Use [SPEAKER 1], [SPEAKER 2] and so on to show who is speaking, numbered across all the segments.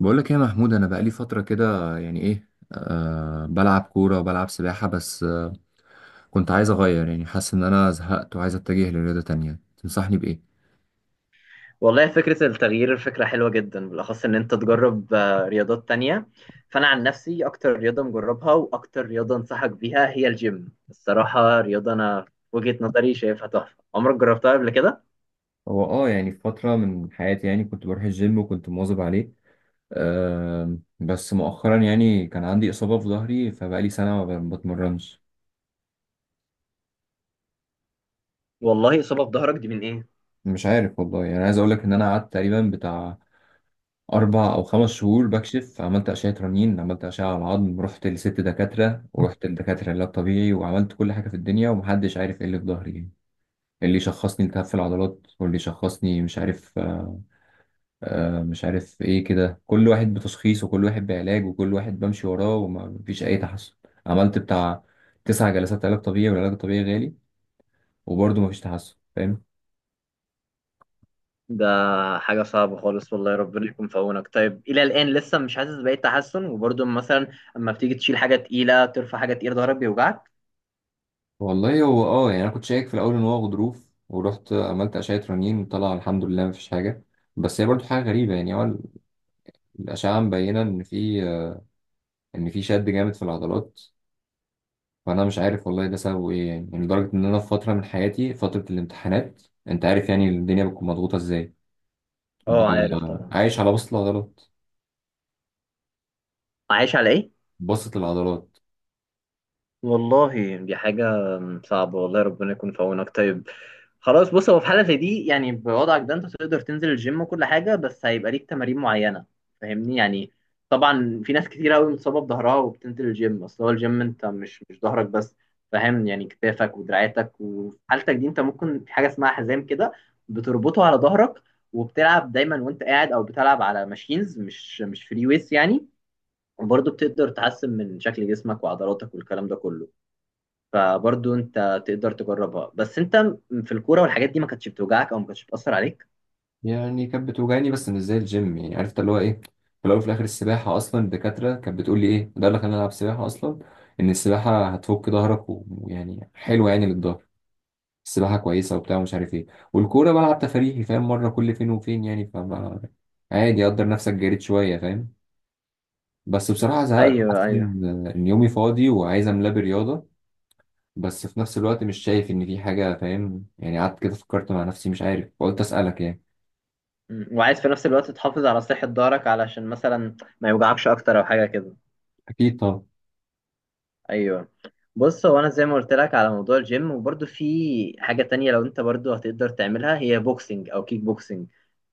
[SPEAKER 1] بقول لك يا محمود، انا بقالي فتره كده، يعني ايه أه بلعب كوره وبلعب سباحه. بس آه، كنت عايز اغير، يعني حاسس ان انا زهقت وعايز اتجه لرياضه تانية. تنصحني بايه؟
[SPEAKER 2] والله فكرة التغيير فكرة حلوة جدا، بالأخص إن أنت تجرب رياضات تانية. فأنا عن نفسي أكتر رياضة مجربها وأكتر رياضة أنصحك بيها هي الجيم. الصراحة رياضة أنا في وجهة نظري شايفها تحفة. عمرك جربتها قبل كده؟
[SPEAKER 1] هو اه يعني في فتره من حياتي يعني كنت بروح الجيم وكنت مواظب عليه. بس مؤخرا يعني كان عندي اصابه في ظهري، فبقالي سنه ما ب- بتمرنش.
[SPEAKER 2] والله إصابة في ظهرك دي من إيه؟
[SPEAKER 1] مش عارف والله. يعني عايز اقول لك ان انا قعدت تقريبا بتاع أربع أو خمس شهور بكشف. عملت أشعة رنين، عملت أشعة على العظم، رحت لست دكاترة ورحت لدكاترة علاج طبيعي، وعملت كل حاجة في الدنيا، ومحدش عارف إيه اللي في ظهري يعني. اللي شخصني التهاب في العضلات، واللي شخصني مش عارف. مش عارف إيه، كده كل واحد بتشخيص وكل واحد بعلاج وكل واحد بمشي وراه، ومفيش أي تحسن. عملت بتاع تسع جلسات علاج طبيعي، والعلاج الطبيعي غالي، وبرضه مفيش تحسن، فاهم.
[SPEAKER 2] ده حاجة صعبة خالص، والله ربنا يكون في عونك. طيب إلى الآن لسه مش حاسس بأي تحسن؟ وبرضه مثلا أما بتيجي تشيل حاجة تقيلة ترفع حاجة تقيلة ظهرك بيوجعك؟
[SPEAKER 1] والله هو اه يعني انا كنت شايك في الاول ان هو غضروف، ورحت عملت اشعه رنين، طلع الحمد لله مفيش حاجه. بس هي برضو حاجه غريبه، يعني هو الاشعه مبينه ان في، ان في شد جامد في العضلات. فانا مش عارف والله ده سببه ايه يعني. يعني لدرجه ان انا في فتره من حياتي، فتره الامتحانات، انت عارف يعني الدنيا بتكون مضغوطه ازاي،
[SPEAKER 2] أه عارف
[SPEAKER 1] ببقى
[SPEAKER 2] طبعا.
[SPEAKER 1] عايش على بسط العضلات.
[SPEAKER 2] عايش على إيه؟
[SPEAKER 1] بسط العضلات.
[SPEAKER 2] والله دي حاجة صعبة، والله ربنا يكون في عونك. طيب خلاص، بص، هو في حالة زي دي يعني بوضعك ده انت تقدر تنزل الجيم وكل حاجة، بس هيبقى ليك تمارين معينة. فاهمني يعني؟ طبعا في ناس كتير قوي مصابة بظهرها وبتنزل الجيم. اصل هو الجيم انت مش ظهرك بس، فاهم يعني؟ كتافك ودراعاتك. وفي حالتك دي انت ممكن في حاجة اسمها حزام كده بتربطه على ظهرك وبتلعب دايما وانت قاعد، او بتلعب على ماشينز مش فري ويس يعني. وبرضه بتقدر تحسن من شكل جسمك وعضلاتك والكلام ده كله. فبرضو انت تقدر تجربها. بس انت في الكوره والحاجات دي ما كانتش بتوجعك او ما كانتش بتاثر عليك؟
[SPEAKER 1] يعني كانت بتوجعني بس مش زي الجيم، يعني عرفت اللي هو ايه. في الاول وفي الاخر السباحه اصلا الدكاتره كانت بتقول لي ايه ده اللي خلاني العب سباحه اصلا. ان السباحه هتفك ظهرك ويعني حلوه يعني للظهر. السباحه كويسه وبتاع ومش عارف ايه. والكوره بلعب تفريحي فاهم، مره كل فين وفين يعني. فما عادي، قدر نفسك، جريت شويه، فاهم. بس بصراحه زهقت.
[SPEAKER 2] ايوه
[SPEAKER 1] حاسس
[SPEAKER 2] ايوه.
[SPEAKER 1] ان إن يومي فاضي، وعايز املاه برياضه. بس في نفس الوقت مش شايف ان في حاجه، فاهم يعني. قعدت كده فكرت مع نفسي، مش عارف، فقلت اسالك يعني.
[SPEAKER 2] وعايز في نفس الوقت تحافظ على صحه ظهرك علشان مثلا ما يوجعكش اكتر او حاجه كده.
[SPEAKER 1] اكيد طبعا.
[SPEAKER 2] ايوه. بص، هو انا زي ما قلت لك على موضوع الجيم، وبرضو في حاجه تانية لو انت برضو هتقدر تعملها، هي بوكسنج او كيك بوكسنج.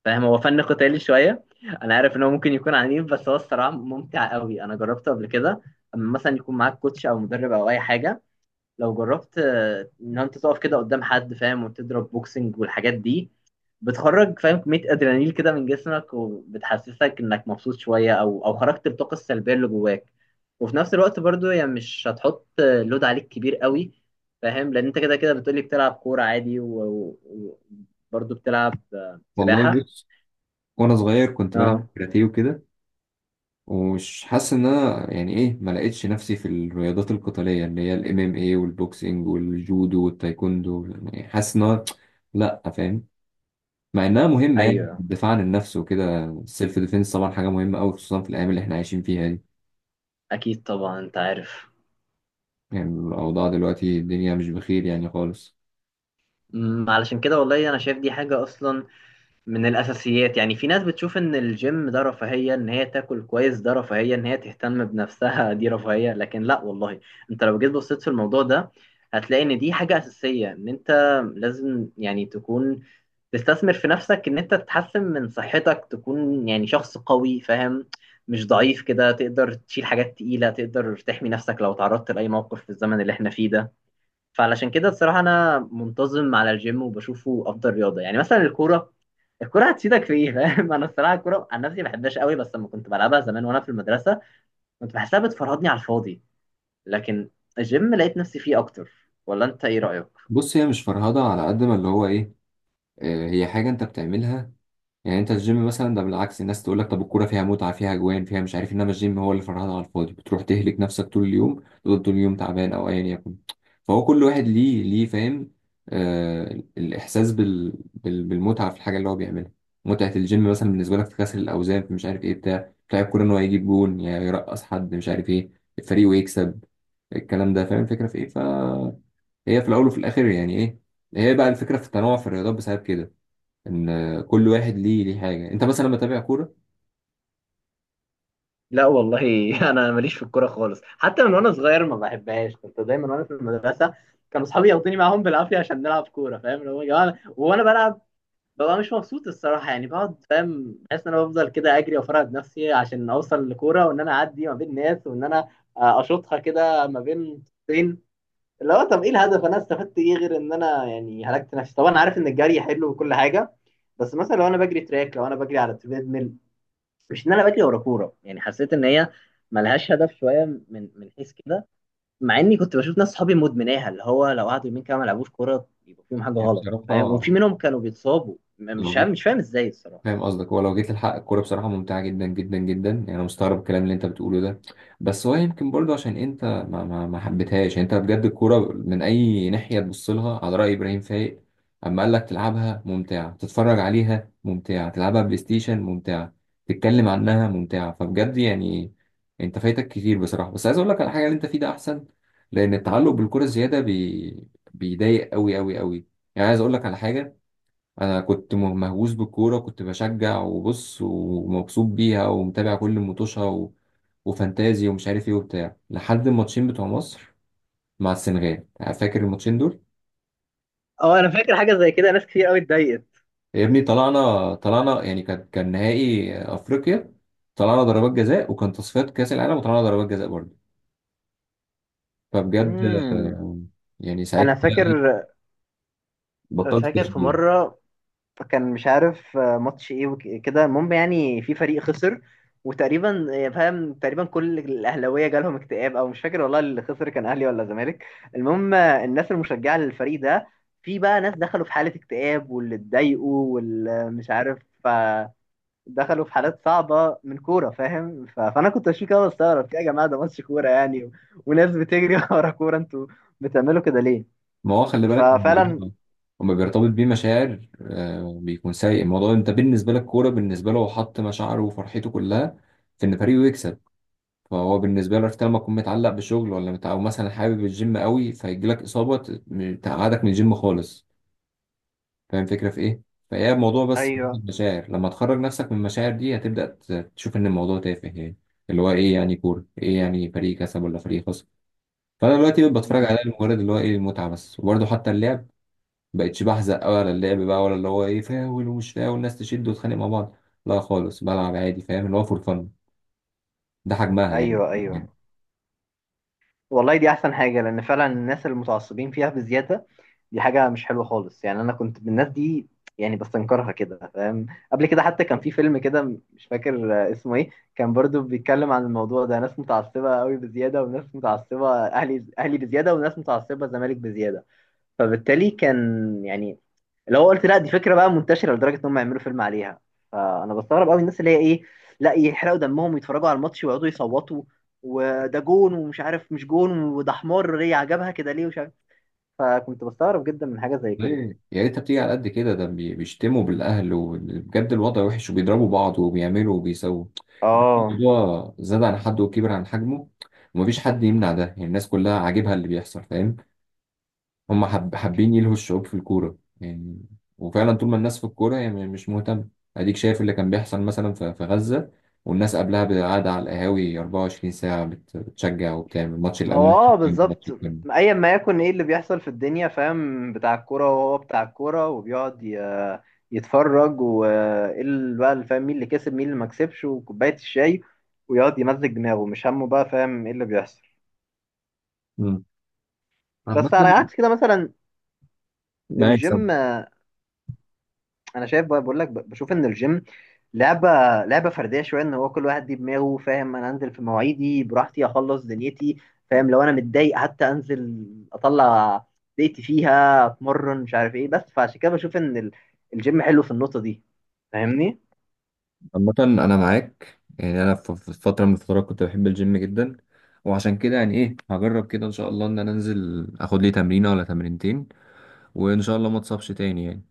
[SPEAKER 2] فاهم؟ هو فن قتالي شويه. انا عارف ان هو ممكن يكون عنيف، بس هو الصراحه ممتع قوي. انا جربته قبل كده، اما مثلا يكون معاك كوتش او مدرب او اي حاجه. لو جربت ان انت تقف كده قدام حد، فاهم، وتضرب بوكسنج والحاجات دي، بتخرج، فاهم، كمية ادرينالين كده من جسمك، وبتحسسك انك مبسوط شوية، او او خرجت الطاقة السلبية اللي جواك. وفي نفس الوقت برضو يعني مش هتحط لود عليك كبير قوي، فاهم؟ لان انت كده كده بتقولي بتلعب كورة عادي وبرضو بتلعب
[SPEAKER 1] والله
[SPEAKER 2] سباحة.
[SPEAKER 1] بص، وانا صغير كنت بلعب
[SPEAKER 2] اه.
[SPEAKER 1] كاراتيه وكده. ومش حاسس ان انا يعني ايه، ما لقيتش نفسي في الرياضات القتاليه، اللي هي الام ام اي والبوكسنج والجودو والتايكوندو، يعني حاسس ان أنا لا، فاهم. مع انها مهمه، يعني
[SPEAKER 2] ايوه
[SPEAKER 1] الدفاع عن النفس وكده، السيلف ديفense طبعا حاجه مهمه قوي، خصوصا في الايام اللي احنا عايشين فيها دي.
[SPEAKER 2] اكيد طبعا، انت عارف.
[SPEAKER 1] يعني الاوضاع دلوقتي الدنيا مش بخير يعني خالص.
[SPEAKER 2] علشان كده والله انا شايف دي حاجة اصلا من الأساسيات. يعني في ناس بتشوف إن الجيم ده رفاهية، إن هي تاكل كويس ده رفاهية، إن هي تهتم بنفسها دي رفاهية. لكن لا والله، أنت لو جيت بصيت في الموضوع ده هتلاقي إن دي حاجة أساسية. إن أنت لازم يعني تكون تستثمر في نفسك، إن أنت تتحسن من صحتك، تكون يعني شخص قوي، فاهم؟ مش ضعيف كده. تقدر تشيل حاجات تقيلة، تقدر تحمي نفسك لو تعرضت لأي موقف في الزمن اللي إحنا فيه ده. فعلشان كده الصراحة أنا منتظم على الجيم، وبشوفه أفضل رياضة. يعني مثلا الكورة، الكورة هتفيدك في إيه؟ فاهم؟ أنا الصراحة الكورة عن نفسي ما بحبهاش قوي. بس لما كنت بلعبها زمان وأنا في المدرسة كنت بحسها بتفرهدني على الفاضي. لكن الجيم لقيت نفسي فيه أكتر. ولا أنت إيه رأيك؟
[SPEAKER 1] بص هي مش فرهضه، على قد ما اللي هو ايه، هي حاجه انت بتعملها. يعني انت الجيم مثلا ده بالعكس، الناس تقول لك طب الكوره فيها متعه، فيها اجوان، فيها مش عارف. انما الجيم هو اللي فرهدة على الفاضي، بتروح تهلك نفسك طول اليوم، تفضل طول اليوم تعبان او ايا يكن. فهو كل واحد ليه فاهم، آه الاحساس بالمتعه في الحاجه اللي هو بيعملها. متعه الجيم مثلا بالنسبه لك في كسر الاوزان، في مش عارف ايه بتاع. الكوره ان هو يجيب جون، يعني يرقص حد مش عارف ايه، الفريق ويكسب. الكلام ده فاهم الفكره في ايه. فهي في الاول وفي الاخر يعني ايه، هي بقى الفكره في التنوع في الرياضات بسبب كده، ان كل واحد ليه حاجه. انت مثلا لما تتابع كوره،
[SPEAKER 2] لا والله، أنا ماليش في الكورة خالص، حتى من وأنا صغير ما بحبهاش. كنت دايما وأنا في المدرسة كانوا أصحابي ياخدوني معاهم بالعافية عشان نلعب كورة، فاهم، اللي هو يا جماعة. وأنا بلعب ببقى مش مبسوط الصراحه، يعني بقعد، فاهم، حاسس ان انا بفضل كده اجري وافرهد نفسي عشان اوصل لكوره، وان انا اعدي ما بين ناس، وان انا اشوطها كده ما بين طين. اللي هو طب ايه الهدف؟ انا استفدت ايه غير ان انا يعني هلكت نفسي؟ طبعا انا عارف ان الجري حلو وكل حاجه، بس مثلا لو انا بجري تراك، لو انا بجري على تريد ميل، مش ان انا بجري ورا كوره. يعني حسيت ان هي ملهاش هدف شويه من من حيث كده. مع اني كنت بشوف ناس صحابي مدمناها، اللي هو لو قعدوا يومين كده ما لعبوش كوره يبقى فيهم حاجه
[SPEAKER 1] يعني
[SPEAKER 2] غلط، فاهم؟ وفي
[SPEAKER 1] بصراحه
[SPEAKER 2] منهم كانوا بيتصابوا مش
[SPEAKER 1] لو
[SPEAKER 2] فاهم
[SPEAKER 1] جيت،
[SPEAKER 2] مش فاهم ازاي الصراحه.
[SPEAKER 1] فاهم قصدك. هو لو جيت للحق الكورة بصراحة ممتعة جدا جدا جدا. يعني أنا مستغرب الكلام اللي أنت بتقوله ده. بس هو يمكن برضه عشان أنت ما حبيتهاش يعني. أنت بجد الكورة من أي ناحية تبص لها، على رأي إبراهيم فايق، أما قال لك تلعبها ممتعة، تتفرج عليها ممتعة، تلعبها بلاي ستيشن ممتعة، تتكلم عنها ممتعة. فبجد يعني أنت فايتك كتير بصراحة. بس عايز أقول لك على حاجة، اللي أنت فيه ده أحسن، لأن التعلق بالكورة الزيادة بيضايق أوي أوي أوي. يعني عايز أقول لك على حاجة، انا كنت مهووس بالكوره، كنت بشجع وبص ومبسوط بيها، ومتابع كل مطوشها وفانتازي ومش عارف ايه وبتاع، لحد الماتشين بتوع مصر مع السنغال. فاكر الماتشين دول؟
[SPEAKER 2] اه انا فاكر حاجه زي كده، ناس كتير قوي اتضايقت.
[SPEAKER 1] يا ابني طلعنا، طلعنا يعني، كان نهائي افريقيا طلعنا ضربات جزاء، وكان تصفيات كاس العالم وطلعنا ضربات جزاء برضه. فبجد
[SPEAKER 2] امم.
[SPEAKER 1] آه، يعني
[SPEAKER 2] انا
[SPEAKER 1] ساعتها
[SPEAKER 2] فاكر.
[SPEAKER 1] بطلت
[SPEAKER 2] فاكر في
[SPEAKER 1] تشجيع.
[SPEAKER 2] مره فكان مش عارف ماتش ايه وكده، المهم يعني في فريق خسر. وتقريبا فاهم، تقريبا كل الاهلاويه جالهم اكتئاب، او مش فاكر والله اللي خسر كان اهلي ولا زمالك. المهم الناس المشجعه للفريق ده، في بقى ناس دخلوا في حاله اكتئاب، واللي اتضايقوا، واللي مش عارف آه، دخلوا في حالات صعبه من كوره، فاهم؟ فانا كنت اشوف كده بستغرب، يا جماعه ده ماتش كوره يعني، وناس بتجري ورا كوره، انتوا بتعملوا كده ليه؟
[SPEAKER 1] ما هو خلي بالك
[SPEAKER 2] ففعلا.
[SPEAKER 1] الموضوع وما بيرتبط بيه مشاعر آه بيكون سيء. الموضوع انت بالنسبه لك كوره، بالنسبه له هو حط مشاعره وفرحته كلها في ان فريقه يكسب. فهو بالنسبه له، عرفت لما تكون متعلق بشغل ولا او مثلا حابب الجيم قوي فيجي لك اصابه تقعدك من الجيم خالص. فاهم الفكره في ايه؟ فهي الموضوع بس
[SPEAKER 2] ايوه
[SPEAKER 1] مجرد مشاعر، لما تخرج نفسك من المشاعر دي هتبدا تشوف ان الموضوع تافه يعني. اللي هو ايه يعني كوره؟ ايه يعني فريق كسب ولا فريق خسر؟ فانا دلوقتي بتفرج عليها لمجرد اللي هو ايه المتعه بس. وبرده حتى اللعب بقتش بحزق أوي على اللعب، بقى ولا اللي هو ايه، فاول ومش فاول الناس تشد وتتخانق مع بعض، لا خالص بلعب عادي فاهم، اللي هو فور فن. ده حجمها يعني.
[SPEAKER 2] ايوه. ايوه والله دي احسن حاجه، لان فعلا الناس المتعصبين فيها بزياده. دي حاجه مش حلوه خالص. يعني انا كنت من الناس دي، يعني بستنكرها كده، فاهم؟ قبل كده حتى كان في فيلم كده، مش فاكر اسمه ايه، كان برضو بيتكلم عن الموضوع ده، ناس متعصبه قوي بزياده، وناس متعصبه اهلي اهلي بزياده، وناس متعصبه زمالك بزياده. فبالتالي كان يعني، لو قلت لا دي فكره بقى منتشره لدرجه ان هم يعملوا فيلم عليها. فانا بستغرب قوي الناس اللي هي ايه، لا يحرقوا دمهم ويتفرجوا على الماتش ويقعدوا يصوتوا، وده جون ومش عارف مش جون، وده حمار ليه عجبها كده ليه ومش عارف. فكنت بستغرب جدا من حاجه زي كده.
[SPEAKER 1] ليه، يا ريتها بتيجي على قد كده، ده بيشتموا بالأهل وبجد الوضع وحش، وبيضربوا بعض وبيعملوا وبيسووا.
[SPEAKER 2] اه.
[SPEAKER 1] الموضوع زاد عن حده وكبر عن حجمه. ومفيش حد يمنع ده يعني، الناس كلها عاجبها اللي بيحصل فاهم. هم حب حابين يلهوا الشعوب في الكورة يعني. وفعلا طول ما الناس في الكورة هي مش مهتمة. أديك شايف اللي كان بيحصل مثلا في غزة، والناس قبلها قاعدة على القهاوي 24 ساعة بتشجع وبتعمل ماتش
[SPEAKER 2] هو
[SPEAKER 1] الأمل بالظبط،
[SPEAKER 2] اه
[SPEAKER 1] ماتش الكلمة، ماتش
[SPEAKER 2] بالظبط،
[SPEAKER 1] الكلمة.
[SPEAKER 2] ايا ما يكن ايه اللي بيحصل في الدنيا، فاهم، بتاع الكوره وهو بتاع الكوره، وبيقعد يتفرج، وايه اللي بقى اللي، فاهم، مين اللي كسب مين اللي ما كسبش، وكوبايه الشاي، ويقعد يمزج دماغه، مش همه بقى فاهم ايه اللي بيحصل.
[SPEAKER 1] مم. عامة
[SPEAKER 2] بس على عكس كده مثلا
[SPEAKER 1] أنا يكسب
[SPEAKER 2] الجيم، انا شايف بشوف ان الجيم لعبه لعبه فرديه شويه، ان هو كل واحد دي دماغه، فاهم؟ انا انزل في مواعيدي براحتي، اخلص دنيتي، فاهم، لو انا متضايق حتى انزل، اطلع ضيقتي فيها، اتمرن مش عارف ايه. بس فعشان كده بشوف ان الجيم حلو في النقطه دي. فاهمني؟
[SPEAKER 1] عامة أنا معاك يعني. أنا في فترة من الفترات كنت بحب الجيم جدا، وعشان كده يعني إيه هجرب كده، إن شاء الله إن أنا أنزل آخد لي تمرينة ولا تمرينتين، وإن شاء الله ما اتصابش تاني يعني.